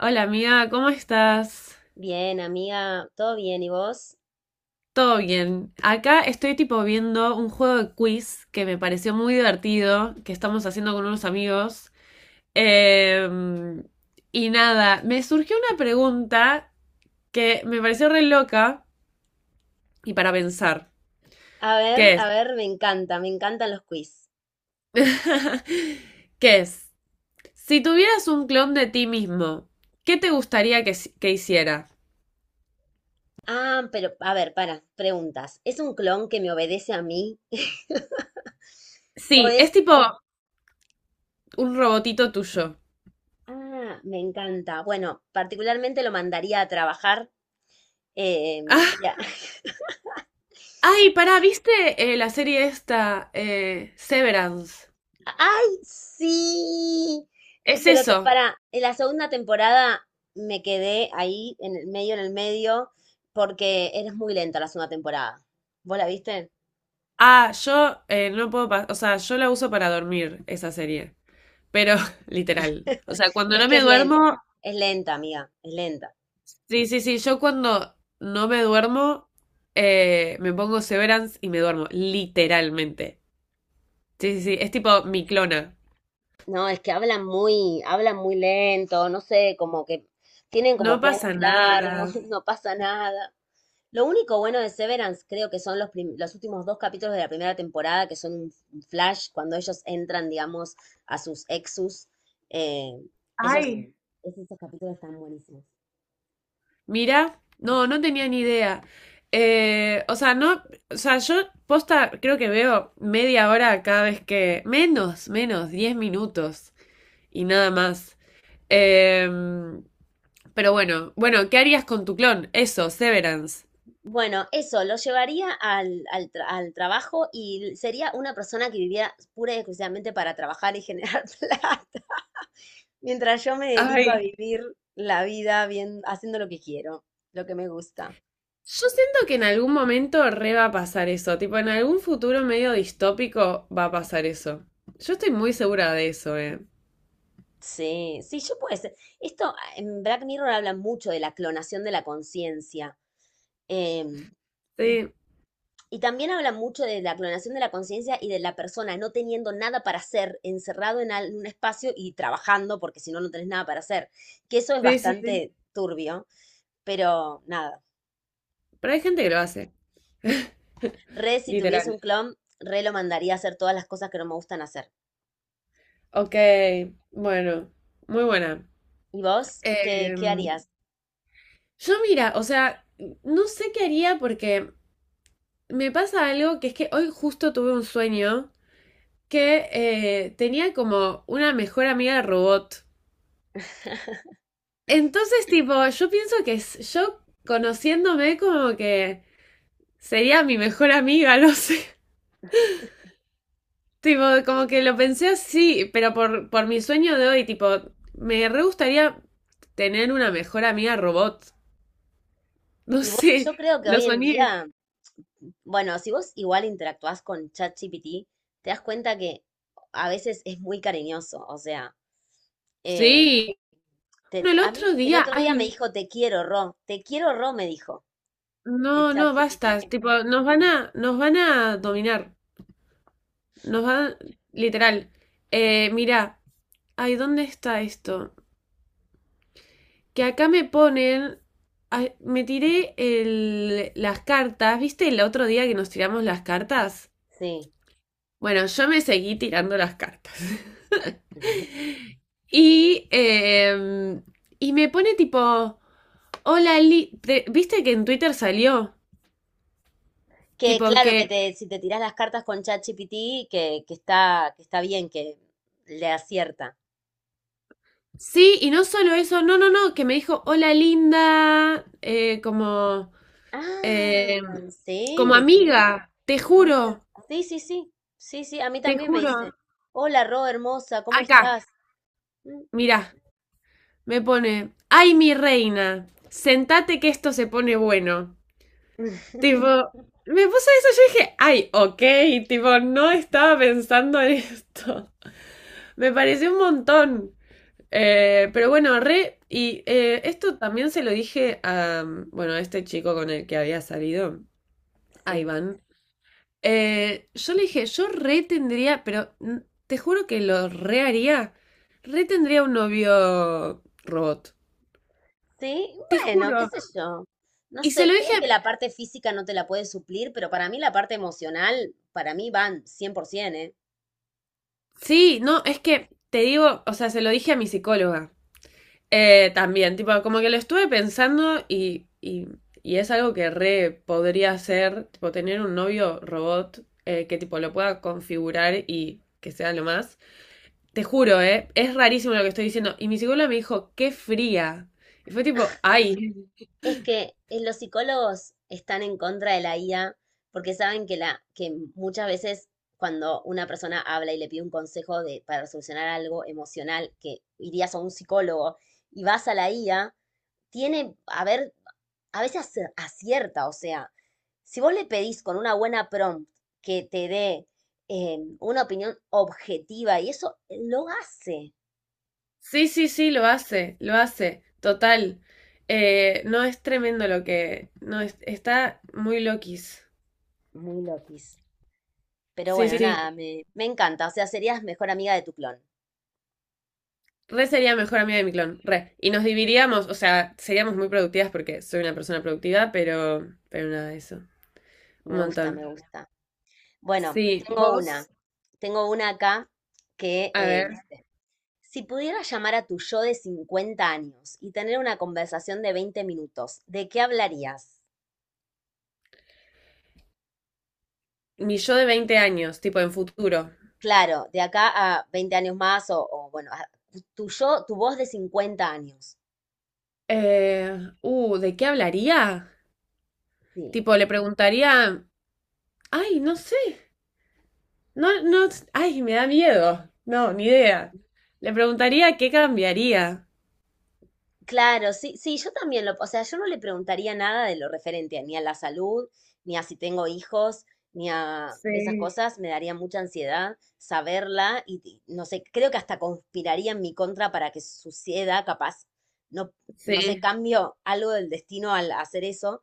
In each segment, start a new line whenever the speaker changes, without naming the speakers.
Hola amiga, ¿cómo estás?
Bien, amiga, todo bien, ¿y vos?
Todo bien. Acá estoy tipo viendo un juego de quiz que me pareció muy divertido, que estamos haciendo con unos amigos. Eh, y nada, me surgió una pregunta que me pareció re loca y para pensar. ¿Qué
A
es?
ver, me encanta, me encantan los quiz.
¿Qué es? Si tuvieras un clon de ti mismo, ¿qué te gustaría que hiciera?
Ah, pero, a ver, para, preguntas. ¿Es un clon que me obedece a mí? ¿O
Sí,
es?
es tipo un robotito tuyo.
Ah, me encanta. Bueno, particularmente lo mandaría a trabajar. eh, ya.
Ay, pará, ¿viste la serie esta, Severance?
¡Ay, sí!
Es
Pero
eso.
para, en la segunda temporada me quedé ahí, en el medio, porque eres muy lenta la segunda temporada. ¿Vos la viste?
Ah, yo no puedo pas- o sea, yo la uso para dormir, esa serie. Pero, literal. O sea, cuando
Es
no
que
me duermo,
es lenta, amiga, es lenta.
sí, sí, sí, yo cuando no me duermo, me pongo Severance y me duermo, literalmente. Sí, sí, sí, es tipo mi clona.
No, es que hablan muy lento, no sé, como que tienen como
No
planes
pasa nada.
largos, no pasa nada. Lo único bueno de Severance creo que son los últimos dos capítulos de la primera temporada, que son un flash, cuando ellos entran, digamos, a sus exus. eh, esos,
Ay.
esos capítulos están buenísimos.
Mira, no, no tenía ni idea. O sea, no, o sea, yo posta creo que veo media hora cada vez que, menos, menos, 10 minutos y nada más. Em, pero bueno, bueno, ¿qué harías con tu clon? Eso, Severance.
Bueno, eso, lo llevaría al trabajo y sería una persona que viviera pura y exclusivamente para trabajar y generar plata. Mientras yo me dedico a
Ay,
vivir la vida bien, haciendo lo que quiero, lo que me gusta.
yo siento que en algún momento re va a pasar eso, tipo en algún futuro medio distópico va a pasar eso. Yo estoy muy segura de eso, eh.
Sí, sí, yo puedo ser. Esto, en Black Mirror habla mucho de la clonación de la conciencia. em, y,
Sí,
y también habla mucho de la clonación de la conciencia y de la persona no teniendo nada para hacer, encerrado en un espacio y trabajando, porque si no, no tenés nada para hacer. Que eso es
sí, sí, sí.
bastante turbio, pero nada.
Pero hay gente que lo hace,
Re, si tuviese
literal.
un clon, re lo mandaría a hacer todas las cosas que no me gustan hacer.
Ok, bueno, muy buena.
¿Y vos? ¿Qué
Em,
harías?
yo mira, o sea, no sé qué haría porque me pasa algo que es que hoy justo tuve un sueño que tenía como una mejor amiga robot. Entonces, tipo, yo pienso que s- yo conociéndome como que sería mi mejor amiga, no sé. Tipo, como que lo pensé así, pero por mi sueño de hoy, tipo, me re gustaría tener una mejor amiga robot. No
Y bueno, yo
sé,
creo que
lo
hoy en
soñé.
día, bueno, si vos igual interactuás con ChatGPT, te das cuenta que a veces es muy cariñoso. O sea, eh,
Sí. Bueno, el
a mí
otro
el
día,
otro día me
ay,
dijo: "Te quiero, Ro, te quiero, Ro", me dijo
no,
el
no, basta.
ChatGPT.
Tipo, nos van a dominar. Nos van, literal. Mirá, ay, ¿dónde está esto? Que acá me ponen, ay, me tiré las cartas. ¿Viste el otro día que nos tiramos las cartas?
Sí.
Bueno, yo me seguí tirando las cartas. Y, y me pone tipo, hola, Li- te- ¿viste que en Twitter salió?
Que
Tipo
claro,
que,
si te tirás las cartas con ChatGPT, que está bien, que le acierta.
sí, y no solo eso, no, no, no, que me dijo, hola linda, como,
Ah,
eh, como
sí,
amiga, te
amiga.
juro,
Sí, sí, sí. Sí, sí, a mí
te
también me
juro.
dice: "Hola, Ro, hermosa, ¿cómo
Acá,
estás?". Mm.
mirá, me pone, ay mi reina, sentate que esto se pone bueno. Tipo, me puso eso, yo dije, ay, ok, tipo, no estaba pensando en esto. Me pareció un montón. Pero bueno, re, y esto también se lo dije a, bueno, a este chico con el que había salido, a
Sí.
Iván. Yo le dije, yo re tendría, pero mm, te juro que lo re haría, re tendría un novio robot.
Sí,
Te
bueno,
juro.
qué sé yo. No
Y se lo
sé, creo que
dije,
la parte física no te la puede suplir, pero para mí la parte emocional, para mí van 100%, ¿eh?
sí, no, es que te digo, o sea, se lo dije a mi psicóloga. También, tipo, como que lo estuve pensando y es algo que re podría hacer, tipo, tener un novio robot que, tipo, lo pueda configurar y que sea lo más. Te juro, ¿eh? Es rarísimo lo que estoy diciendo. Y mi psicóloga me dijo, qué fría. Y fue tipo, ay,
Es que los psicólogos están en contra de la IA porque saben que, que muchas veces cuando una persona habla y le pide un consejo para solucionar algo emocional, que irías a un psicólogo y vas a la IA, tiene, a ver, a veces acierta, o sea, si vos le pedís con una buena prompt que te dé una opinión objetiva y eso, lo hace
sí, sí, sí, lo hace, total. No es tremendo lo que... No, es- está muy loquis.
muy loquis. Pero
Sí,
bueno,
sí.
nada, me encanta, o sea, serías mejor amiga de tu clon.
Re sería mejor amiga de mi clon, re. Y nos dividiríamos, o sea, seríamos muy productivas porque soy una persona productiva, pero nada de eso. Un
Me gusta, me
montón.
gusta. Bueno,
Sí,
tengo una,
vos,
tengo una acá que
a ver,
dice, si pudieras llamar a tu yo de 50 años y tener una conversación de 20 minutos, ¿de qué hablarías?
mi yo de 20 años, tipo en futuro.
Claro, de acá a 20 años más o, bueno, tu yo, tu voz de 50 años.
¿De qué hablaría?
Sí.
Tipo, le preguntaría, ay, no sé, no, no, ay, me da miedo. No, ni
Mm,
idea. Le preguntaría qué cambiaría.
Claro, sí, sí, yo también o sea, yo no le preguntaría nada de lo referente a, ni a la salud, ni a si tengo hijos, ni a esas
Sí,
cosas, me daría mucha ansiedad saberla y no sé, creo que hasta conspiraría en mi contra para que suceda, capaz, no, no sé,
sí,
cambio algo del destino al hacer eso,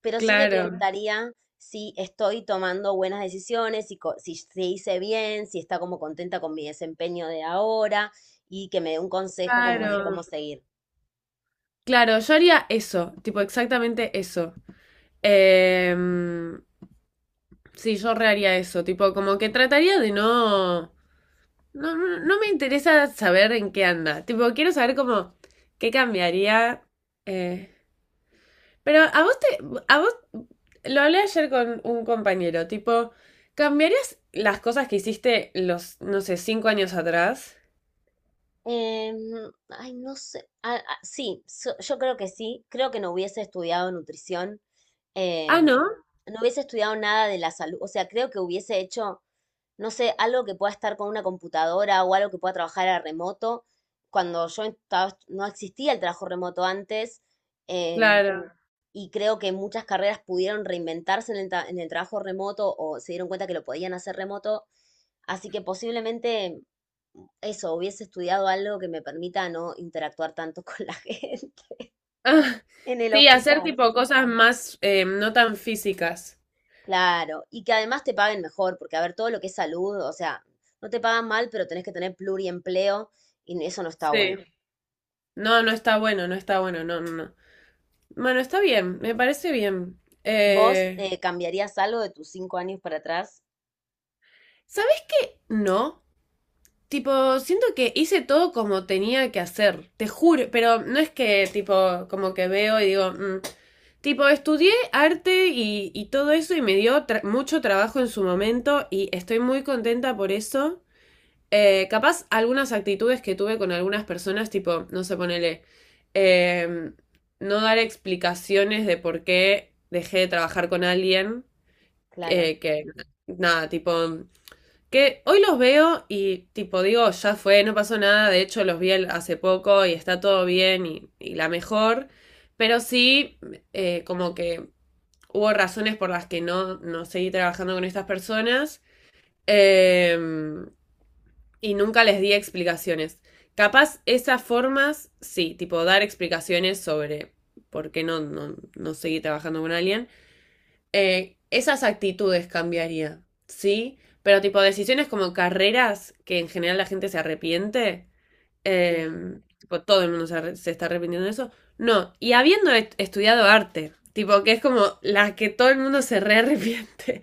pero sí le
claro,
preguntaría si estoy tomando buenas decisiones, si se hice bien, si está como contenta con mi desempeño de ahora y que me dé un consejo como de cómo
claro,
seguir.
claro. Yo haría eso, tipo exactamente eso. Em, sí, yo rearía eso, tipo, como que trataría de no, no, no me interesa saber en qué anda, tipo, quiero saber como qué cambiaría. Eh. Pero a vos te, a vos, lo hablé ayer con un compañero, tipo, ¿cambiarías las cosas que hiciste los, no sé, 5 años atrás?
Em, Ay, no sé. Sí, yo creo que sí. Creo que no hubiese estudiado nutrición.
Ah,
em,
¿no?
no hubiese estudiado nada de la salud. O sea, creo que hubiese hecho, no sé, algo que pueda estar con una computadora o algo que pueda trabajar a remoto. Cuando yo estaba, no existía el trabajo remoto antes. em,
Claro.
y creo que muchas carreras pudieron reinventarse en el trabajo remoto o se dieron cuenta que lo podían hacer remoto. Así que posiblemente eso, hubiese estudiado algo que me permita no interactuar tanto con la gente
Ah,
en el
sí, hacer
hospital.
tipo cosas más, no tan físicas.
Claro, y que además te paguen mejor, porque a ver, todo lo que es salud, o sea, no te pagan mal, pero tenés que tener pluriempleo y eso no está bueno.
Sí. No, no está bueno, no está bueno, no, no, no. Bueno, está bien, me parece bien.
¿Vos,
Eh,
cambiarías algo de tus 5 años para atrás?
¿Sabes? No. Tipo, siento que hice todo como tenía que hacer, te juro, pero no es que tipo, como que veo y digo, "Mm". Tipo, estudié arte y todo eso y me dio tra- mucho trabajo en su momento y estoy muy contenta por eso. Capaz algunas actitudes que tuve con algunas personas, tipo, no sé, ponele, em, no dar explicaciones de por qué dejé de trabajar con alguien.
Claro,
Eh, que nada, tipo, que hoy los veo y tipo digo, ya fue, no pasó nada, de hecho los vi el- hace poco y está todo bien y la mejor, pero sí, como que hubo razones por las que no, no seguí trabajando con estas personas, eh, y nunca les di explicaciones. Capaz esas formas, sí, tipo dar explicaciones sobre por qué no seguí trabajando con alguien. Esas actitudes cambiaría, ¿sí? Pero tipo decisiones como carreras, que en general la gente se arrepiente, eh,
sí.
tipo todo el mundo se, arre- se está arrepintiendo de eso, no. Y habiendo est- estudiado arte, tipo que es como la que todo el mundo se re arrepiente.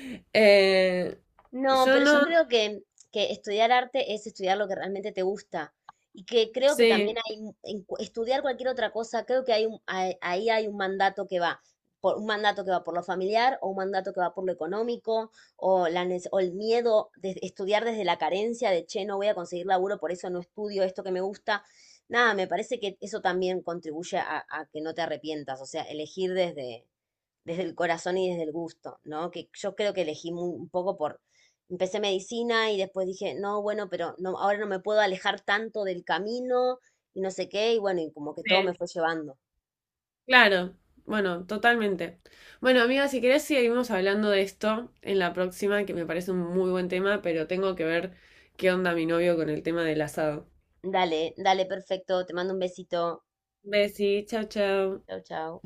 Eh,
No,
yo
pero
no,
yo creo que, estudiar arte es estudiar lo que realmente te gusta. Y que creo que también
sí,
hay, un- en cu- estudiar cualquier otra cosa, creo que hay ahí, hay un mandato que va, un mandato que va por lo familiar, o un mandato que va por lo económico, o el miedo de estudiar desde la carencia de, che, no voy a conseguir laburo, por eso no estudio esto que me gusta. Nada, me parece que eso también contribuye a que no te arrepientas, o sea, elegir desde el corazón y desde el gusto, ¿no? Que yo creo que elegí un poco empecé medicina y después dije, no, bueno, pero no, ahora no me puedo alejar tanto del camino y no sé qué, y bueno, y como que todo
sí.
me fue llevando.
Claro, bueno, totalmente. Bueno, amiga, si querés seguimos hablando de esto en la próxima, que me parece un muy buen tema, pero tengo que ver qué onda mi novio con el tema del asado.
Dale, dale, perfecto, te mando un besito.
Besí, chao, chao.
Chau, chau.